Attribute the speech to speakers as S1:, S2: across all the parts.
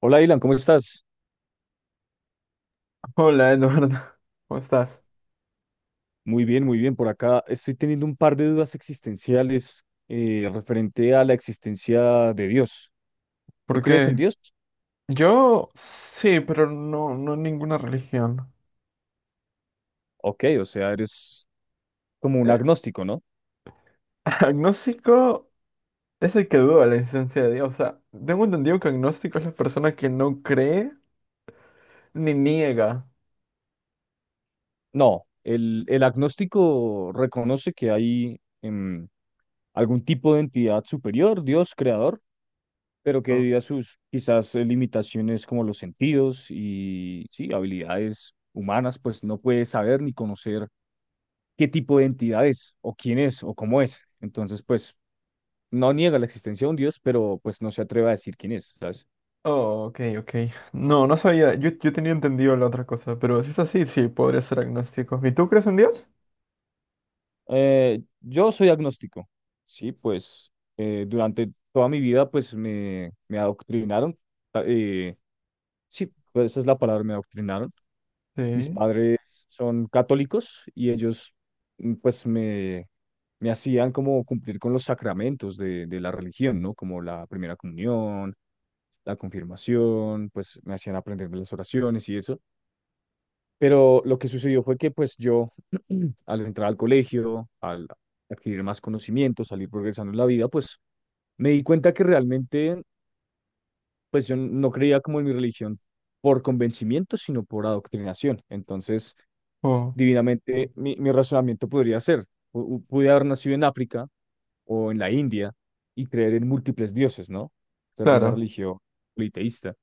S1: Hola, Ilan, ¿cómo estás?
S2: Hola Eduardo, ¿cómo estás?
S1: Muy bien, muy bien. Por acá estoy teniendo un par de dudas existenciales referente a la existencia de Dios. ¿Tú
S2: ¿Por
S1: crees en
S2: qué?
S1: Dios?
S2: Yo sí, pero no ninguna religión.
S1: Ok, o sea, eres como un
S2: Eh,
S1: agnóstico, ¿no?
S2: agnóstico es el que duda la existencia de Dios. O sea, tengo entendido que agnóstico es la persona que no cree ni niega.
S1: No, el agnóstico reconoce que hay algún tipo de entidad superior, Dios creador, pero que
S2: Oh,
S1: debido a sus quizás limitaciones como los sentidos y sí, habilidades humanas, pues no puede saber ni conocer qué tipo de entidad es, o quién es, o cómo es. Entonces, pues, no niega la existencia de un Dios, pero pues no se atreve a decir quién es, ¿sabes?
S2: oh, ok, ok. No, no sabía. Yo tenía entendido la otra cosa, pero si es así, sí, podría ser agnóstico. ¿Y tú crees en Dios?
S1: Yo soy agnóstico, sí, pues durante toda mi vida, pues me adoctrinaron, ta- eh, sí, pues esa es la palabra, me adoctrinaron. Mis
S2: Sí.
S1: padres son católicos y ellos, pues, me hacían como cumplir con los sacramentos de la religión, ¿no? Como la primera comunión, la confirmación, pues me hacían aprenderme las oraciones y eso. Pero lo que sucedió fue que pues yo al entrar al colegio, al adquirir más conocimientos, salir progresando en la vida, pues me di cuenta que realmente pues yo no creía como en mi religión por convencimiento, sino por adoctrinación. Entonces,
S2: Oh,
S1: divinamente, mi razonamiento podría ser, pude haber nacido en África o en la India y creer en múltiples dioses, ¿no? O sea, de una
S2: claro.
S1: religión politeísta.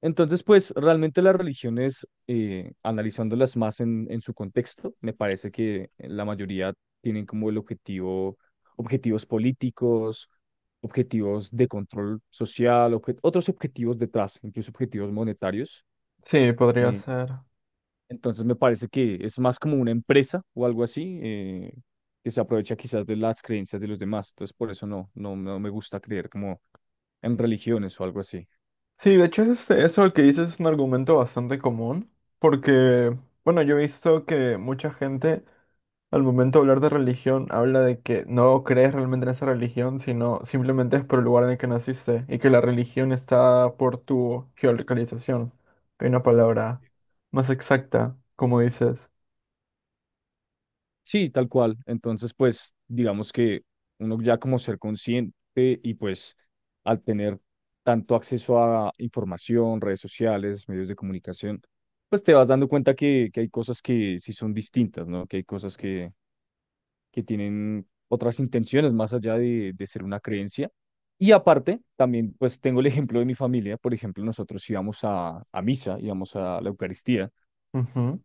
S1: Entonces, pues realmente las religiones, analizándolas más en su contexto, me parece que la mayoría tienen como el objetivo, objetivos políticos, objetivos de control social, otros objetivos detrás, incluso objetivos monetarios.
S2: Sí, podría
S1: eh,
S2: ser.
S1: entonces, me parece que es más como una empresa o algo así, que se aprovecha quizás de las creencias de los demás. Entonces, por eso no, no, no me gusta creer como en religiones o algo así.
S2: Sí, de hecho, este, eso que dices es un argumento bastante común, porque, bueno, yo he visto que mucha gente al momento de hablar de religión habla de que no crees realmente en esa religión, sino simplemente es por el lugar en el que naciste y que la religión está por tu geolocalización. Hay una palabra más exacta, como dices.
S1: Sí, tal cual. Entonces, pues, digamos que uno ya como ser consciente y pues al tener tanto acceso a información, redes sociales, medios de comunicación, pues te vas dando cuenta que hay cosas que sí son distintas, ¿no? Que hay cosas que tienen otras intenciones más allá de ser una creencia. Y aparte, también pues tengo el ejemplo de mi familia. Por ejemplo, nosotros íbamos a misa, íbamos a la Eucaristía,
S2: Ujú.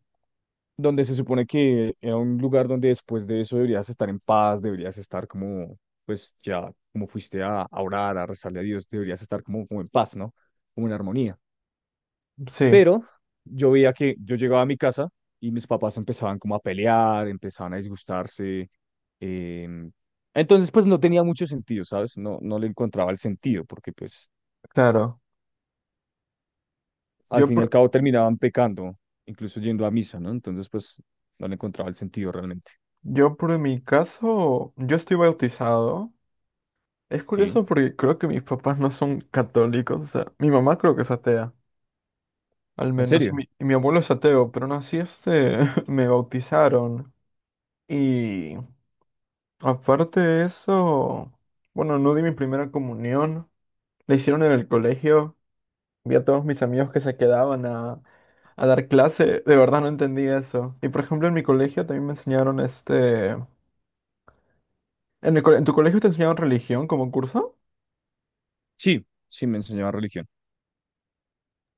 S1: donde se supone que era un lugar donde después de eso deberías estar en paz, deberías estar como, pues ya, como fuiste a orar, a rezarle a Dios, deberías estar como, como en paz, ¿no? Como en armonía.
S2: Sí,
S1: Pero yo veía que yo llegaba a mi casa y mis papás empezaban como a pelear, empezaban a disgustarse. em, entonces, pues no tenía mucho sentido, ¿sabes? No, no le encontraba el sentido, porque pues
S2: claro.
S1: al
S2: Yo
S1: fin y al
S2: por,
S1: cabo terminaban pecando, incluso yendo a misa, ¿no? Entonces, pues no le encontraba el sentido realmente,
S2: yo por mi caso, yo estoy bautizado. Es
S1: ¿sí?
S2: curioso porque creo que mis papás no son católicos, o sea, mi mamá creo que es atea, al
S1: En
S2: menos, y
S1: serio.
S2: mi abuelo es ateo, pero aún así este, me bautizaron. Y aparte de eso, bueno, no di mi primera comunión, la hicieron en el colegio, vi a todos mis amigos que se quedaban a dar clase, de verdad no entendí eso. Y por ejemplo, en mi colegio también me enseñaron este... ¿En tu colegio te enseñaron religión como curso?
S1: Sí, sí me enseñaban religión.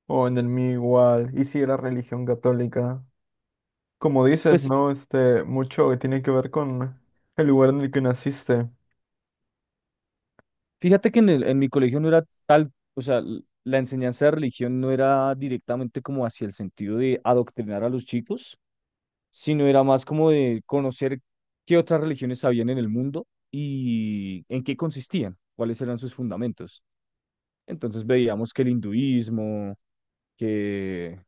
S2: O en el mío igual, y si era religión católica. Como dices,
S1: Pues
S2: ¿no? Este, mucho que tiene que ver con el lugar en el que naciste.
S1: fíjate que en mi colegio no era tal, o sea, la enseñanza de religión no era directamente como hacia el sentido de adoctrinar a los chicos, sino era más como de conocer qué otras religiones habían en el mundo y en qué consistían, cuáles eran sus fundamentos. Entonces veíamos que el hinduismo, que,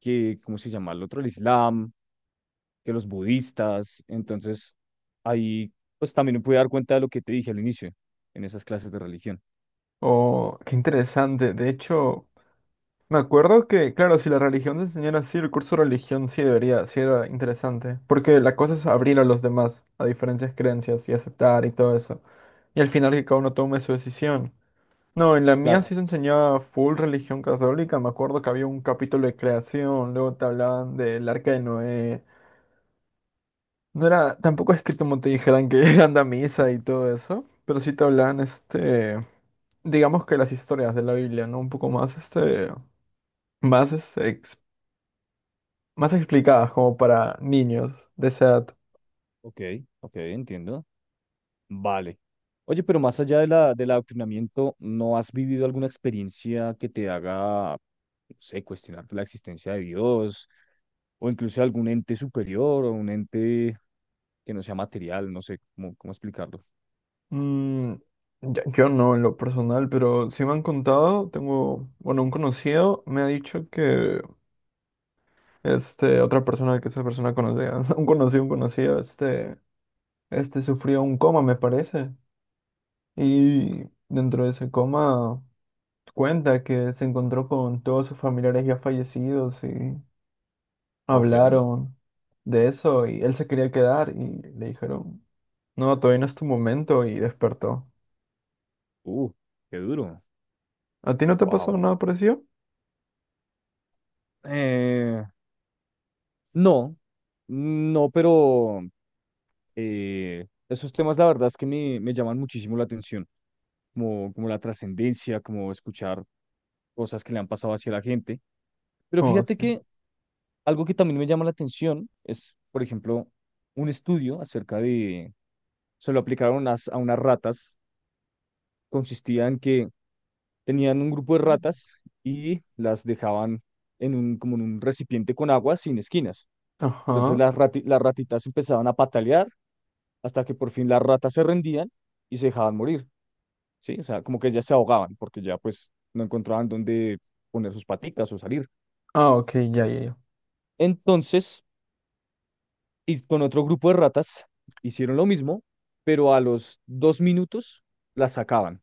S1: ¿cómo se llama el otro? El islam, que los budistas. Entonces, ahí pues también me pude dar cuenta de lo que te dije al inicio, en esas clases de religión.
S2: Oh, qué interesante. De hecho, me acuerdo que, claro, si la religión te enseñara así, el curso de religión sí debería, sí era interesante. Porque la cosa es abrir a los demás a diferentes creencias y aceptar y todo eso. Y al final que cada uno tome su decisión. No, en la mía
S1: Claro.
S2: sí se enseñaba full religión católica. Me acuerdo que había un capítulo de creación, luego te hablaban del arca de Noé. No era, tampoco es que como te dijeran que anda a misa y todo eso, pero sí te hablan, este, digamos que las historias de la Biblia, ¿no? Un poco más, este, más, este, ex- más explicadas como para niños de esa edad.
S1: Ok, ok, entiendo. Vale. Oye, pero más allá de la, del adoctrinamiento, ¿no has vivido alguna experiencia que te haga, no sé, cuestionar la existencia de Dios o incluso algún ente superior o un ente que no sea material? No sé cómo, cómo explicarlo.
S2: Mm, yo no en lo personal, pero sí me han contado, tengo, bueno, un conocido me ha dicho que, este, otra persona, que esa persona conocía un conocido, este sufrió un coma, me parece, y dentro de ese coma... Cuenta que se encontró con todos sus familiares ya fallecidos y
S1: Ok.
S2: hablaron de eso y él se quería quedar y le dijeron, no, todavía no es tu momento y despertó.
S1: Uh, qué duro.
S2: ¿A ti no te pasó
S1: Wow.
S2: nada parecido?
S1: Eh, no, no, pero esos temas la verdad es que me llaman muchísimo la atención, como, como la trascendencia, como escuchar cosas que le han pasado hacia la gente. Pero
S2: Oh,
S1: fíjate
S2: sí.
S1: que algo que también me llama la atención es, por ejemplo, un estudio acerca de, se lo aplicaron a unas ratas, consistía en que tenían un grupo de ratas y las dejaban en un, como en un recipiente con agua sin esquinas. Entonces
S2: Ajá.
S1: las ratitas empezaban a patalear hasta que por fin las ratas se rendían y se dejaban morir, ¿sí? O sea, como que ya se ahogaban porque ya pues no encontraban dónde poner sus patitas o salir.
S2: Ah, ok, ya, ya, ya.
S1: Entonces, y con otro grupo de ratas hicieron lo mismo, pero a los 2 minutos las sacaban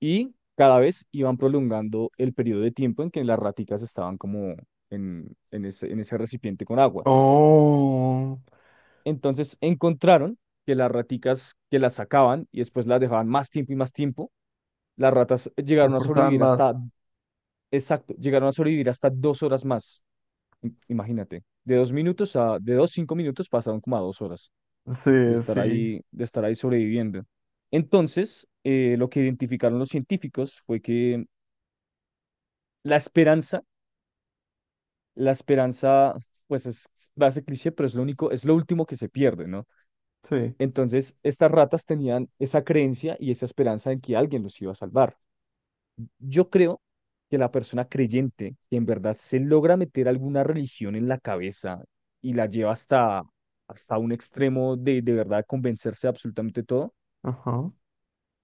S1: y cada vez iban prolongando el periodo de tiempo en que las raticas estaban como en ese recipiente con agua.
S2: Oh,
S1: Entonces encontraron que las raticas que las sacaban y después las dejaban más tiempo y más tiempo, las ratas
S2: te
S1: llegaron a
S2: esforzaban
S1: sobrevivir
S2: más.
S1: hasta, exacto, llegaron a sobrevivir hasta 2 horas más. Imagínate, de 2 minutos a, de dos, 5 minutos pasaron como a 2 horas
S2: Sí, sí,
S1: de estar ahí sobreviviendo. Entonces, lo que identificaron los científicos fue que la esperanza, la esperanza, pues es, va a ser cliché, pero es lo único, es lo último que se pierde, ¿no?
S2: sí.
S1: Entonces, estas ratas tenían esa creencia y esa esperanza en que alguien los iba a salvar. Yo creo que la persona creyente, que en verdad se logra meter alguna religión en la cabeza y la lleva hasta, hasta un extremo de verdad convencerse de absolutamente todo,
S2: Ajá.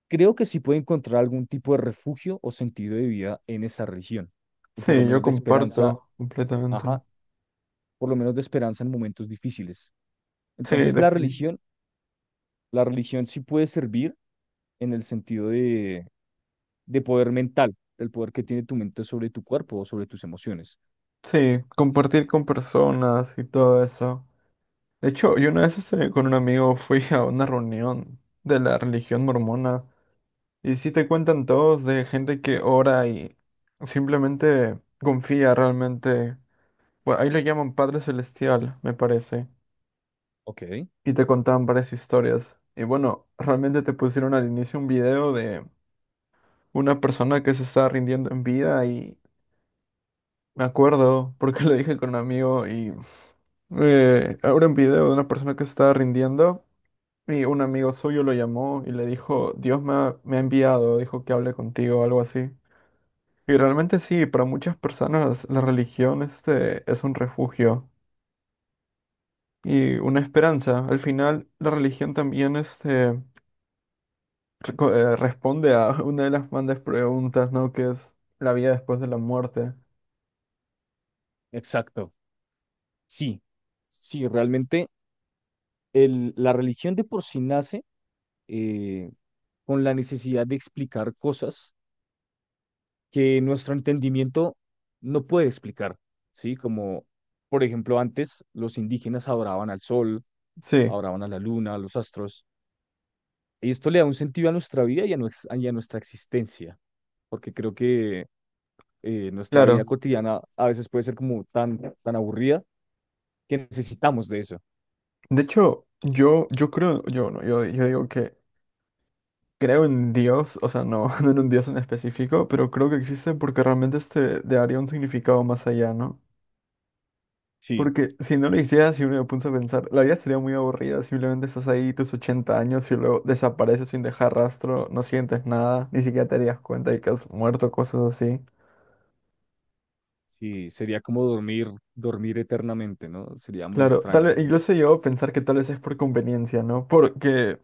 S1: creo que sí puede encontrar algún tipo de refugio o sentido de vida en esa religión, o por lo
S2: Sí, yo
S1: menos de esperanza,
S2: comparto completamente.
S1: ajá, por lo menos de esperanza en momentos difíciles.
S2: Sí,
S1: Entonces,
S2: defin-
S1: la religión sí puede servir en el sentido de poder mental, el poder que tiene tu mente sobre tu cuerpo o sobre tus emociones.
S2: Sí, compartir con personas y todo eso. De hecho, yo una vez este, con un amigo fui a una reunión de la religión mormona y sí te cuentan todos de gente que ora y simplemente confía realmente. Bueno, ahí le llaman Padre Celestial, me parece.
S1: Ok.
S2: Y te contaban varias historias. Y bueno, realmente te pusieron al inicio un video de una persona que se estaba rindiendo en vida y me acuerdo porque lo dije con un amigo y ahora un video de una persona que se estaba rindiendo. Y un amigo suyo lo llamó y le dijo, Dios me ha enviado, dijo que hable contigo, o algo así. Y realmente sí, para muchas personas la religión este, es un refugio y una esperanza. Al final, la religión también este, responde a una de las grandes preguntas, ¿no? Que es la vida después de la muerte.
S1: Exacto. Sí, sí, realmente la religión de por sí nace eh, con la necesidad de explicar cosas que nuestro entendimiento no puede explicar, ¿sí? Como, por ejemplo, antes los indígenas adoraban al sol,
S2: Sí,
S1: adoraban a la luna, a los astros, y esto le da un sentido a nuestra vida y a, y a nuestra existencia, porque creo que nuestra vida
S2: claro.
S1: cotidiana a veces puede ser como tan, tan aburrida que necesitamos de eso.
S2: De hecho, yo creo, yo no, yo digo que creo en Dios, o sea, no, no en un Dios en específico, pero creo que existe porque realmente este le daría un significado más allá, ¿no?
S1: Sí,
S2: Porque si no lo hiciera, si uno me puso a pensar, la vida sería muy aburrida, simplemente estás ahí tus 80 años y luego desapareces sin dejar rastro, no sientes nada, ni siquiera te darías cuenta de que has muerto, cosas así.
S1: sí, sería como dormir, dormir eternamente, ¿no? Sería muy
S2: Claro, tal
S1: extraño
S2: vez,
S1: ese sentido.
S2: incluso yo a pensar que tal vez es por conveniencia, ¿no? Porque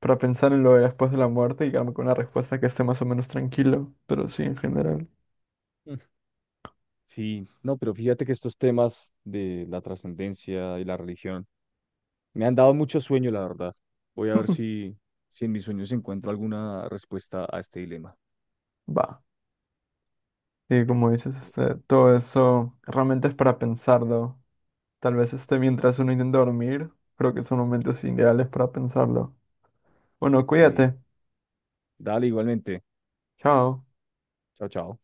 S2: para pensar en lo de después de la muerte y quedarme con una respuesta que esté más o menos tranquilo, pero sí, en general.
S1: Mm. Sí, no, pero fíjate que estos temas de la trascendencia y la religión me han dado mucho sueño, la verdad. Voy a ver si, si en mis sueños encuentro alguna respuesta a este dilema.
S2: Va. Y como dices, este, todo eso realmente es para pensarlo. Tal vez este, mientras uno intenta dormir, creo que son momentos ideales para pensarlo. Bueno,
S1: Sí,
S2: cuídate.
S1: dale igualmente.
S2: Chao.
S1: Chao, chao.